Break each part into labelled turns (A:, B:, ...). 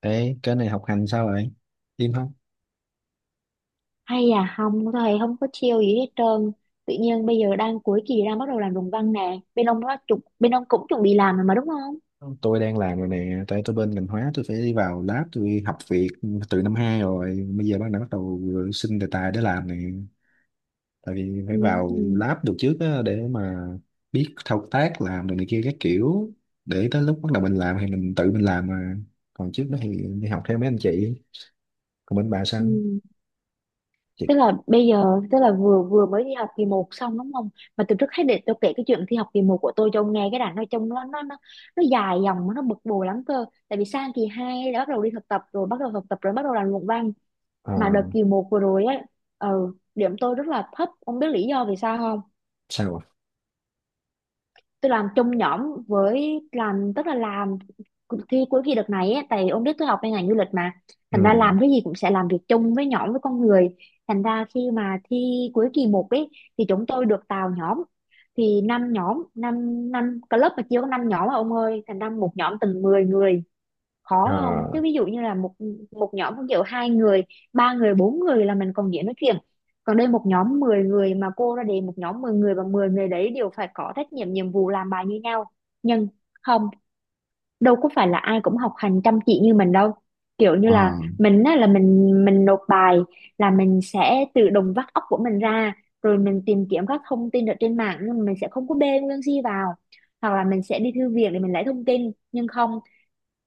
A: Ê, cái này học hành sao vậy? Im không?
B: Hay à? Không, thầy không có chiêu gì hết trơn. Tự nhiên bây giờ đang cuối kỳ đang bắt đầu làm luận văn nè, bên ông nó chuẩn bên ông cũng chuẩn bị làm rồi mà đúng không?
A: Tôi đang làm rồi nè, tại tôi bên ngành hóa tôi phải đi vào lab tôi học việc từ năm 2 rồi, bây giờ đã bắt đầu xin đề tài để làm nè. Tại vì phải vào
B: Ừ.
A: lab được trước á, để mà biết thao tác làm rồi này kia các kiểu, để tới lúc bắt đầu mình làm thì mình tự mình làm mà. Còn trước đó thì đi học theo mấy anh chị. Còn bên bà sao?
B: Ừ.
A: Chị
B: Tức là bây giờ tức là vừa vừa mới đi học kỳ một xong đúng không? Mà từ trước hết để tôi kể cái chuyện thi học kỳ một của tôi cho ông nghe, cái đoạn nó trông nó dài dòng mà nó bực bội lắm cơ. Tại vì sang kỳ hai đã bắt đầu đi thực tập rồi, bắt đầu thực tập rồi bắt đầu làm luận văn.
A: ờ,
B: Mà đợt kỳ một vừa rồi ấy, ừ, điểm tôi rất là thấp, ông biết lý do vì sao không?
A: sao ạ?
B: Tôi làm chung nhóm với làm tức là làm cuộc thi cuối kỳ đợt này ấy, tại ông biết tôi học bên ngành du lịch mà.
A: Ừ.
B: Thành ra làm cái gì cũng sẽ làm việc chung với nhóm với con người. Thành ra khi mà thi cuối kỳ một ấy thì chúng tôi được tạo nhóm, thì năm nhóm, năm năm club mà chia có năm nhóm mà ông ơi, thành ra một nhóm từng 10 người.
A: Ờ
B: Khó không? Chứ ví dụ như là một một nhóm không chịu, hai người ba người bốn người là mình còn dễ nói chuyện, còn đây một nhóm 10 người mà cô ra đề, một nhóm 10 người và 10 người đấy đều phải có trách nhiệm nhiệm vụ làm bài như nhau. Nhưng không, đâu có phải là ai cũng học hành chăm chỉ như mình đâu. Kiểu như
A: ờ
B: là mình á, là mình nộp bài, là mình sẽ tự động vắt óc của mình ra rồi mình tìm kiếm các thông tin ở trên mạng, nhưng mà mình sẽ không có bê nguyên si vào, hoặc là mình sẽ đi thư viện để mình lấy thông tin. Nhưng không,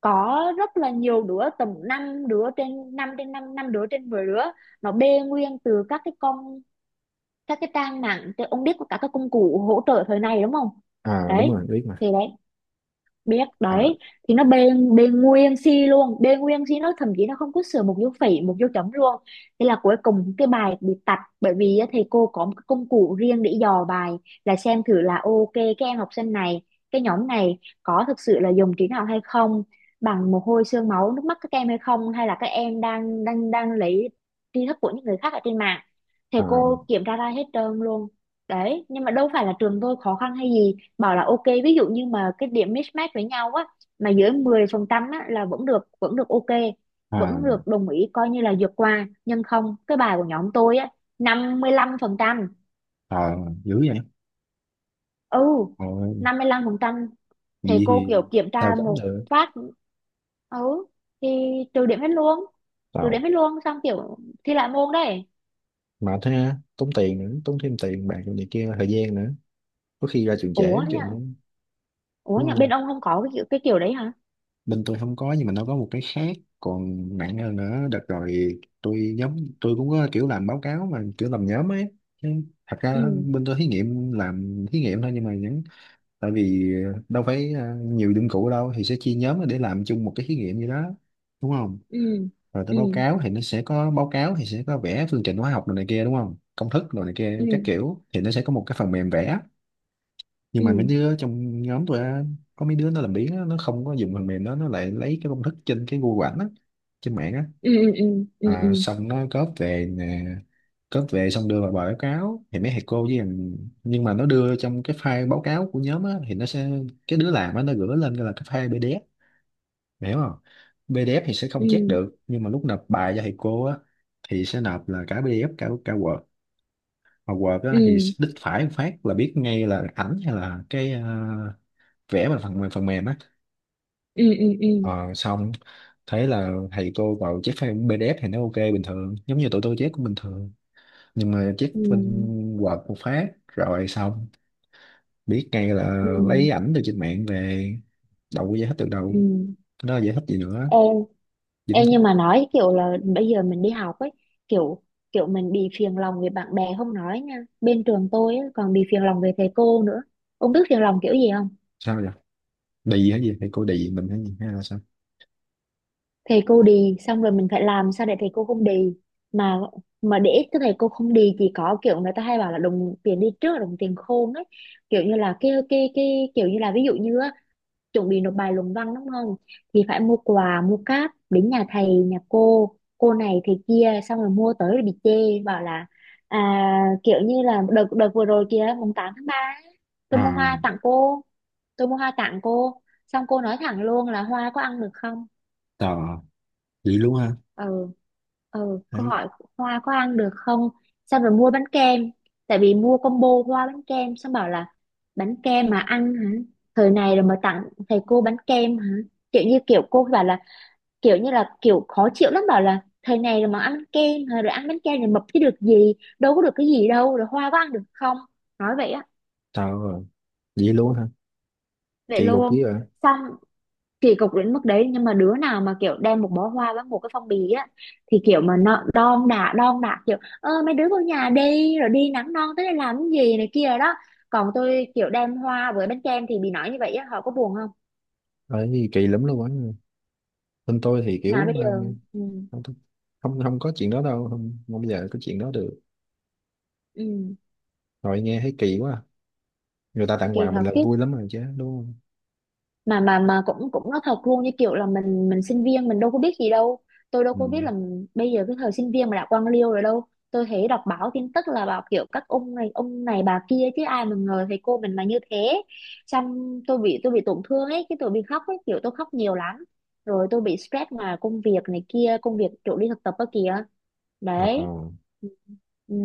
B: có rất là nhiều đứa tầm 5 đứa trên năm, trên 5 5 đứa trên 10 đứa nó bê nguyên từ các cái con, các cái trang mạng trên- ông biết có cả các công cụ hỗ trợ thời này đúng không?
A: ờ, đúng
B: Đấy,
A: rồi, biết mà.
B: thì đấy, biết
A: Ờ
B: đấy. Thì nó bê bê nguyên si luôn, bê nguyên si, nó thậm chí nó không có sửa một dấu phẩy một dấu chấm luôn. Thế là cuối cùng cái bài bị tạch, bởi vì á, thầy cô có một cái công cụ riêng để dò bài, là xem thử là ok cái em học sinh này, cái nhóm này có thực sự là dùng trí não hay không, bằng mồ hôi xương máu nước mắt các em hay không, hay là các em đang đang đang lấy tri thức của những người khác ở trên mạng. Thầy
A: ờ
B: cô kiểm tra ra hết trơn luôn. Đấy, nhưng mà đâu phải là trường tôi khó khăn hay gì, bảo là ok ví dụ như mà cái điểm mismatch với nhau á mà dưới 10% á là vẫn được, vẫn được ok,
A: ờ.
B: vẫn được đồng ý coi như là vượt qua. Nhưng không, cái bài của nhóm tôi á, 55%.
A: Ờ, dữ vậy.
B: Ừ.
A: Ờ,
B: 55%. Thầy
A: vậy
B: cô
A: thì
B: kiểu kiểm
A: tao
B: tra
A: tránh
B: một
A: được.
B: phát, ừ, thì trừ điểm hết luôn, trừ điểm
A: Tao
B: hết luôn, xong kiểu thi lại môn đấy.
A: mà thế á, tốn tiền nữa, tốn thêm tiền bạc này kia, thời gian nữa. Có khi ra trường trễ
B: Ủa
A: chừng
B: nhở,
A: á.
B: ủa
A: Đúng
B: nhở bên
A: không?
B: ông không có cái kiểu đấy hả?
A: Bên tôi không có, nhưng mà nó có một cái khác còn nặng hơn nữa. Đợt rồi tôi nhóm tôi cũng có kiểu làm báo cáo mà kiểu làm nhóm ấy. Chứ thật ra
B: Ừ.
A: bên tôi thí nghiệm, làm thí nghiệm thôi, nhưng mà vẫn tại vì đâu phải à, nhiều dụng cụ đâu thì sẽ chia nhóm để làm chung một cái thí nghiệm gì đó, đúng không?
B: Ừ.
A: Rồi tới
B: Ừ.
A: báo cáo thì nó sẽ có báo cáo, thì sẽ có vẽ phương trình hóa học đồ này kia, đúng không, công thức rồi này kia
B: Ừ.
A: các kiểu, thì nó sẽ có một cái phần mềm vẽ. Nhưng mà mấy
B: Ừ.
A: đứa trong nhóm tôi á, có mấy đứa nó làm biếng á, nó không có dùng phần mềm đó, nó lại lấy cái công thức trên cái Google ảnh á, trên mạng á.
B: Ừ. Ừ. Ừ. Ừ.
A: À,
B: Ừ.
A: xong nó cóp về nè, cóp về xong đưa vào bài báo cáo thì mấy thầy cô với thằng- nhưng mà nó đưa trong cái file báo cáo của nhóm á thì nó sẽ, cái đứa làm á nó gửi lên là cái file PDF. Mày hiểu không? PDF thì sẽ
B: Ừ.
A: không check
B: Ừ.
A: được, nhưng mà lúc nộp bài cho thầy cô á thì sẽ nộp là cả PDF cả cả Word, mà Word á thì
B: Ừ.
A: đích phải một phát là biết ngay là ảnh hay là cái vẽ bằng phần mềm, phần mềm á.
B: Ừ. Ừ. Ừ.
A: Ờ, xong thấy là thầy cô vào check file PDF thì nó ok bình thường, giống như tụi tôi check cũng bình thường, nhưng mà check bên
B: Ừ.
A: Word một phát rồi xong biết ngay là
B: Ừ.
A: lấy ảnh từ trên mạng về, đâu có giải thích được đâu.
B: Ừ.
A: Cái đó giải thích gì nữa,
B: em
A: dính.
B: em nhưng mà nói kiểu là bây giờ mình đi học ấy, kiểu kiểu mình bị phiền lòng về bạn bè không nói nha, bên trường tôi ấy, còn bị phiền lòng về thầy cô nữa. Ông biết phiền lòng kiểu gì không?
A: Sao vậy, đề gì gì thầy cô đề mình hay gì hay là sao?
B: Thầy cô đì, xong rồi mình phải làm sao để thầy cô không đì. Mà mà để cái thầy cô không đì chỉ có kiểu người ta hay bảo là đồng tiền đi trước là đồng tiền khôn ấy, kiểu như là cái kiểu như là ví dụ như á, chuẩn bị nộp bài luận văn đúng không, thì phải mua quà mua cáp đến nhà thầy nhà cô này thầy kia, xong rồi mua tới rồi bị chê bảo là à, kiểu như là đợt đợt vừa rồi kìa, 8/3 ấy, tôi mua
A: À,
B: hoa tặng cô, tôi mua hoa tặng cô xong cô nói thẳng luôn là hoa có ăn được không.
A: tao à? Vậy luôn hả?
B: Ừ. Ừ, câu
A: Đấy,
B: hỏi, hoa có ăn được không. Xong rồi mua bánh kem, tại vì mua combo hoa bánh kem xong bảo là bánh kem mà ăn hả, thời này rồi mà tặng thầy cô bánh kem hả, kiểu như kiểu cô bảo là kiểu như là kiểu khó chịu lắm, bảo là thời này rồi mà ăn kem hả? Rồi ăn bánh kem rồi mập chứ được gì, đâu có được cái gì đâu, rồi hoa có ăn được không, nói vậy á.
A: tao à, vậy luôn hả?
B: Vậy
A: Kỳ cục
B: luôn.
A: dữ à?
B: Xong kỳ cục đến mức đấy, nhưng mà đứa nào mà kiểu đem một bó hoa với một cái phong bì á thì kiểu mà nó đon đả kiểu ơ mấy đứa vào nhà đi, rồi đi nắng non tới đây làm cái gì này kia đó. Còn tôi kiểu đem hoa với bánh kem thì bị nói như vậy á, họ có buồn không?
A: Đấy, kỳ lắm luôn á. Bên tôi thì
B: Mà bây
A: kiểu
B: giờ
A: ừ,
B: ừ.
A: không, không không có chuyện đó đâu, không, không bao giờ có chuyện đó được.
B: Ừ.
A: Rồi nghe thấy kỳ quá à. Người ta tặng
B: Kỳ
A: quà mình
B: thật
A: là
B: chứ.
A: vui lắm rồi chứ, đúng không?
B: Mà cũng cũng nói thật luôn như kiểu là mình sinh viên mình đâu có biết gì đâu. Tôi đâu
A: Ừ.
B: có biết là bây giờ cái thời sinh viên mà đã quan liêu rồi đâu, tôi thấy đọc báo tin tức là bảo kiểu các ông này bà kia chứ ai mà ngờ thầy cô mình mà như thế. Xong tôi bị tổn thương ấy, cái tôi bị khóc ấy, kiểu tôi khóc nhiều lắm. Rồi tôi bị stress mà công việc này kia, công việc chỗ đi thực tập đó kìa, đấy.
A: Ờ,
B: Ừ. Ừ.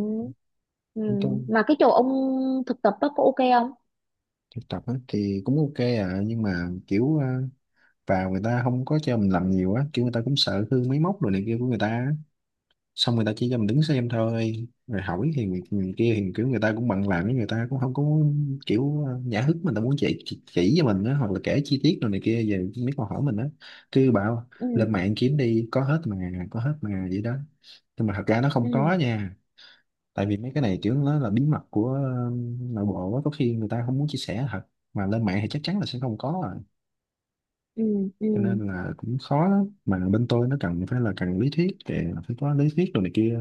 B: Ừ.
A: chúng tôi
B: Mà cái chỗ ông thực tập đó có ok không?
A: thực tập á, thì cũng ok à, nhưng mà kiểu à, vào người ta không có cho mình làm nhiều á, kiểu người ta cũng sợ hư máy móc rồi này kia của người ta. Xong người ta chỉ cho mình đứng xem thôi, rồi hỏi thì người, người kia thì kiểu người ta cũng bận làm, người ta cũng không có kiểu nhã hứng mình ta muốn chỉ cho mình đó, hoặc là kể chi tiết rồi này kia về mấy câu hỏi mình đó, cứ bảo
B: Ừ.
A: lên mạng kiếm đi có hết mà, có hết mà, vậy đó. Nhưng mà thật ra nó không
B: Ừ.
A: có nha, tại vì mấy cái này kiểu nó là bí mật của nội bộ á, có khi người ta không muốn chia sẻ thật, mà lên mạng thì chắc chắn là sẽ không có à.
B: Ừ.
A: Cho
B: Ừ.
A: nên là cũng khó lắm, mà bên tôi nó cần phải là cần lý thuyết thì phải có lý thuyết đồ này kia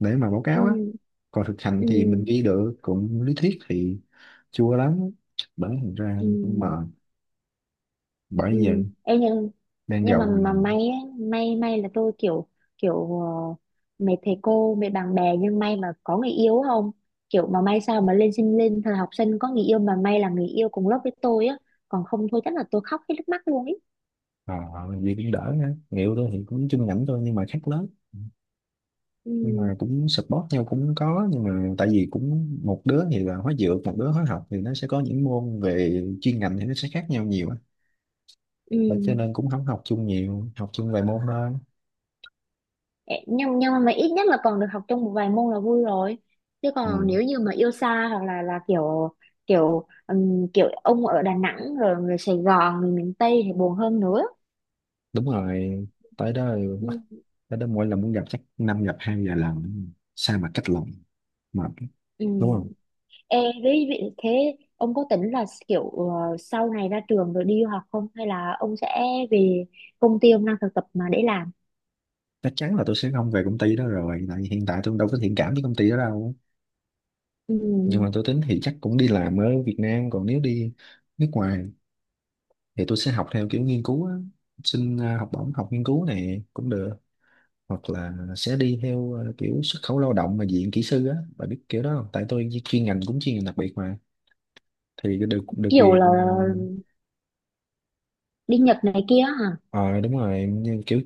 A: để mà báo cáo á,
B: Ừ.
A: còn thực hành
B: Ừ.
A: thì mình ghi được cũng lý thuyết thì chua lắm. Bởi thành ra
B: Ừ.
A: cũng mệt, bởi
B: Ừ.
A: giờ
B: Ê, nhưng
A: đang
B: nhưng mà
A: gầu thì
B: mà may á, may là tôi kiểu kiểu mấy thầy cô mấy bạn bè nhưng may mà có người yêu không, kiểu mà may sao mà lên thời học sinh có người yêu, mà may là người yêu cùng lớp với tôi á, còn không thôi chắc là tôi khóc hết nước mắt luôn ấy.
A: ờ gì cũng đỡ ha. Nghèo tôi thì cũng chung ngành tôi nhưng mà khác lớn, nhưng
B: Ừ.
A: mà cũng support nhau cũng có, nhưng mà tại vì cũng một đứa thì là hóa dược, một đứa hóa học, thì nó sẽ có những môn về chuyên ngành thì nó sẽ khác nhau nhiều á. Và cho
B: Ừ.
A: nên cũng không học chung nhiều, học chung vài môn thôi.
B: Ê, nhưng mà ít nhất là còn được học trong một vài môn là vui rồi, chứ còn
A: Ừ.
B: nếu như mà yêu xa hoặc là kiểu kiểu kiểu ông ở Đà Nẵng rồi người Sài Gòn người miền Tây thì buồn hơn nữa.
A: Đúng rồi, tới đó bắt,
B: Ừ.
A: tới đó mỗi lần muốn gặp chắc năm gặp hai vài lần, sao mà cách lòng mà,
B: Ừ.
A: đúng không?
B: Ê, đấy, vậy thế ông có tính là kiểu sau này ra trường rồi đi du học không hay là ông sẽ về công ty ông đang thực tập mà để làm.
A: Chắc chắn là tôi sẽ không về công ty đó rồi, tại vì hiện tại tôi đâu có thiện cảm với công ty đó đâu.
B: Ừ.
A: Nhưng mà tôi tính thì chắc cũng đi làm ở Việt Nam, còn nếu đi nước ngoài thì tôi sẽ học theo kiểu nghiên cứu á, xin học bổng học nghiên cứu này cũng được, hoặc là sẽ đi theo kiểu xuất khẩu lao động mà diện kỹ sư á, bà biết kiểu đó không, tại tôi chuyên ngành cũng chuyên ngành đặc biệt mà, thì được, được
B: Kiểu là
A: quyền
B: đi Nhật này kia hả?
A: Ờ đúng rồi, như kiểu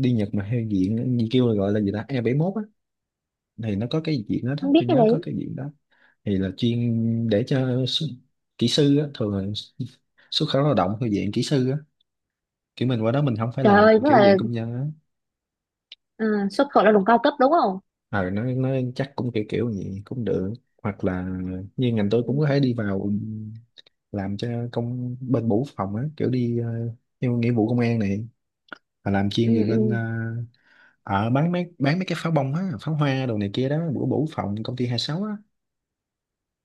A: đi Nhật mà theo diện như kêu là gọi là gì ta e bảy mốt á, thì nó có cái diện đó, đó
B: Không biết
A: tôi
B: cái
A: nhớ có
B: đấy.
A: cái diện đó, thì là chuyên để cho s- kỹ sư á, thường là s- xuất khẩu lao động theo diện kỹ sư á, kiểu mình qua đó mình không phải
B: Trời
A: làm
B: ơi tức
A: kiểu
B: là
A: dạng công nhân á.
B: ờ, xuất khẩu lao động cao cấp đúng không?
A: Ờ nó chắc cũng kiểu kiểu vậy cũng được, hoặc là như ngành tôi cũng có
B: Ừ.
A: thể đi vào làm cho công bên bộ quốc phòng á, kiểu đi theo nghĩa vụ công an này, và làm chuyên về
B: Ừ.
A: bên
B: Ừ.
A: bán mấy, bán mấy cái pháo bông á, pháo hoa đồ này kia đó, bữa bủ phòng công ty 26 á,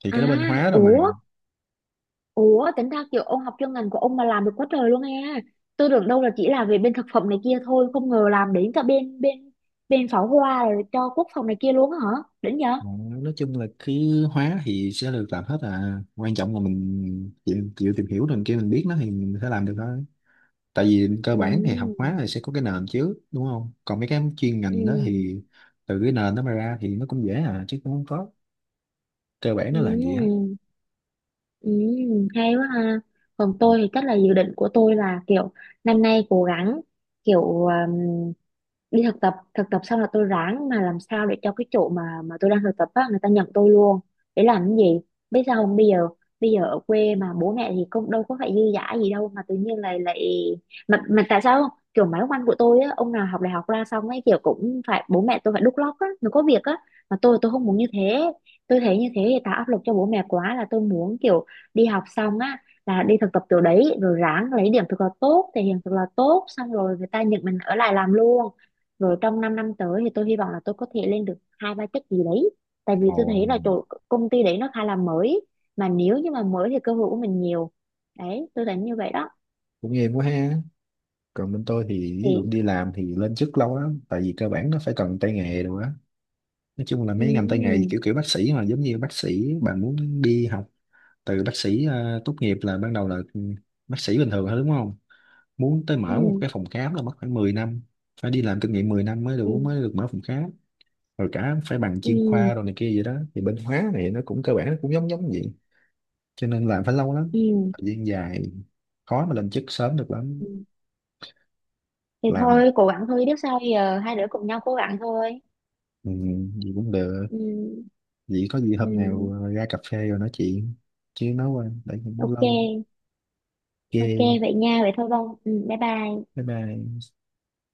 A: thì
B: À,
A: cái đó bên hóa rồi mà.
B: ủa, ủa tính ra kiểu ông học chuyên ngành của ông mà làm được quá trời luôn nghe. Tôi tưởng đâu là chỉ là về bên thực phẩm này kia thôi, không ngờ làm đến cả bên bên bên pháo hoa rồi cho quốc phòng này kia luôn á hả. Đỉnh nhờ.
A: Ờ, nói chung là cứ hóa thì sẽ được làm hết à, quan trọng là mình chịu, chịu tìm hiểu rồi kia mình biết nó thì mình sẽ làm được thôi. Tại vì cơ
B: Ừ.
A: bản thì học hóa thì sẽ có cái nền chứ, đúng không, còn mấy cái chuyên
B: Ừ.
A: ngành đó thì từ cái nền nó mà ra thì nó cũng dễ à, chứ cũng không có cơ bản
B: Ừ.
A: nó là gì á.
B: Ừ. Ừ, hay quá ha. Còn
A: Ừ.
B: tôi thì chắc là dự định của tôi là kiểu năm nay cố gắng kiểu đi thực tập xong là tôi ráng mà làm sao để cho cái chỗ mà tôi đang thực tập á người ta nhận tôi luôn. Để làm cái gì? Biết sao không? Bây giờ ở quê mà bố mẹ thì cũng đâu có phải dư dả gì đâu, mà tự nhiên lại lại mà tại sao không? Kiểu mấy ông anh của tôi á, ông nào học đại học ra xong ấy kiểu cũng phải bố mẹ tôi phải đút lót á, nó có việc á. Mà tôi không muốn như thế, tôi thấy như thế thì tạo áp lực cho bố mẹ quá, là tôi muốn kiểu đi học xong á là đi thực tập chỗ đấy rồi ráng lấy điểm thật là tốt, thể hiện thật là tốt, xong rồi người ta nhận mình ở lại làm luôn, rồi trong 5 năm tới thì tôi hy vọng là tôi có thể lên được hai ba chức gì đấy. Tại vì tôi
A: Ồ,
B: thấy là chỗ công ty đấy nó khá là mới, mà nếu như mà mới thì cơ hội của mình nhiều, đấy tôi thấy như vậy đó.
A: cũng em quá ha. Còn bên tôi thì ví dụ
B: Thì
A: đi làm thì lên chức lâu lắm, tại vì cơ bản nó phải cần tay nghề đồ á. Nói chung là mấy ngành tay nghề
B: ừ.
A: kiểu kiểu bác sĩ, mà giống như bác sĩ bạn muốn đi học từ bác sĩ tốt nghiệp là ban đầu là bác sĩ bình thường thôi, đúng không, muốn tới mở một
B: Ừ.
A: cái phòng khám là mất khoảng 10 năm, phải đi làm kinh nghiệm 10 năm mới đủ mới
B: Ừ.
A: được mở phòng khám, rồi cả phải bằng chuyên khoa rồi
B: Ừ.
A: này kia vậy đó, thì bên hóa này nó cũng cơ bản nó cũng giống giống vậy. Cho nên làm phải lâu lắm,
B: Ừ.
A: thời gian dài, khó mà lên chức sớm được
B: Ừ.
A: lắm.
B: Thì
A: Làm
B: thôi cố gắng thôi biết sao giờ, hai đứa cùng nhau cố gắng thôi.
A: ừ, gì cũng được.
B: Ừ.
A: Vậy có gì
B: Ừ.
A: hôm nào ra cà phê rồi nói chuyện, chứ nói qua để cũng lâu
B: Ok. Ok
A: ghê.
B: vậy nha, vậy thôi Bông. Ừ, bye bye.
A: Bye bye.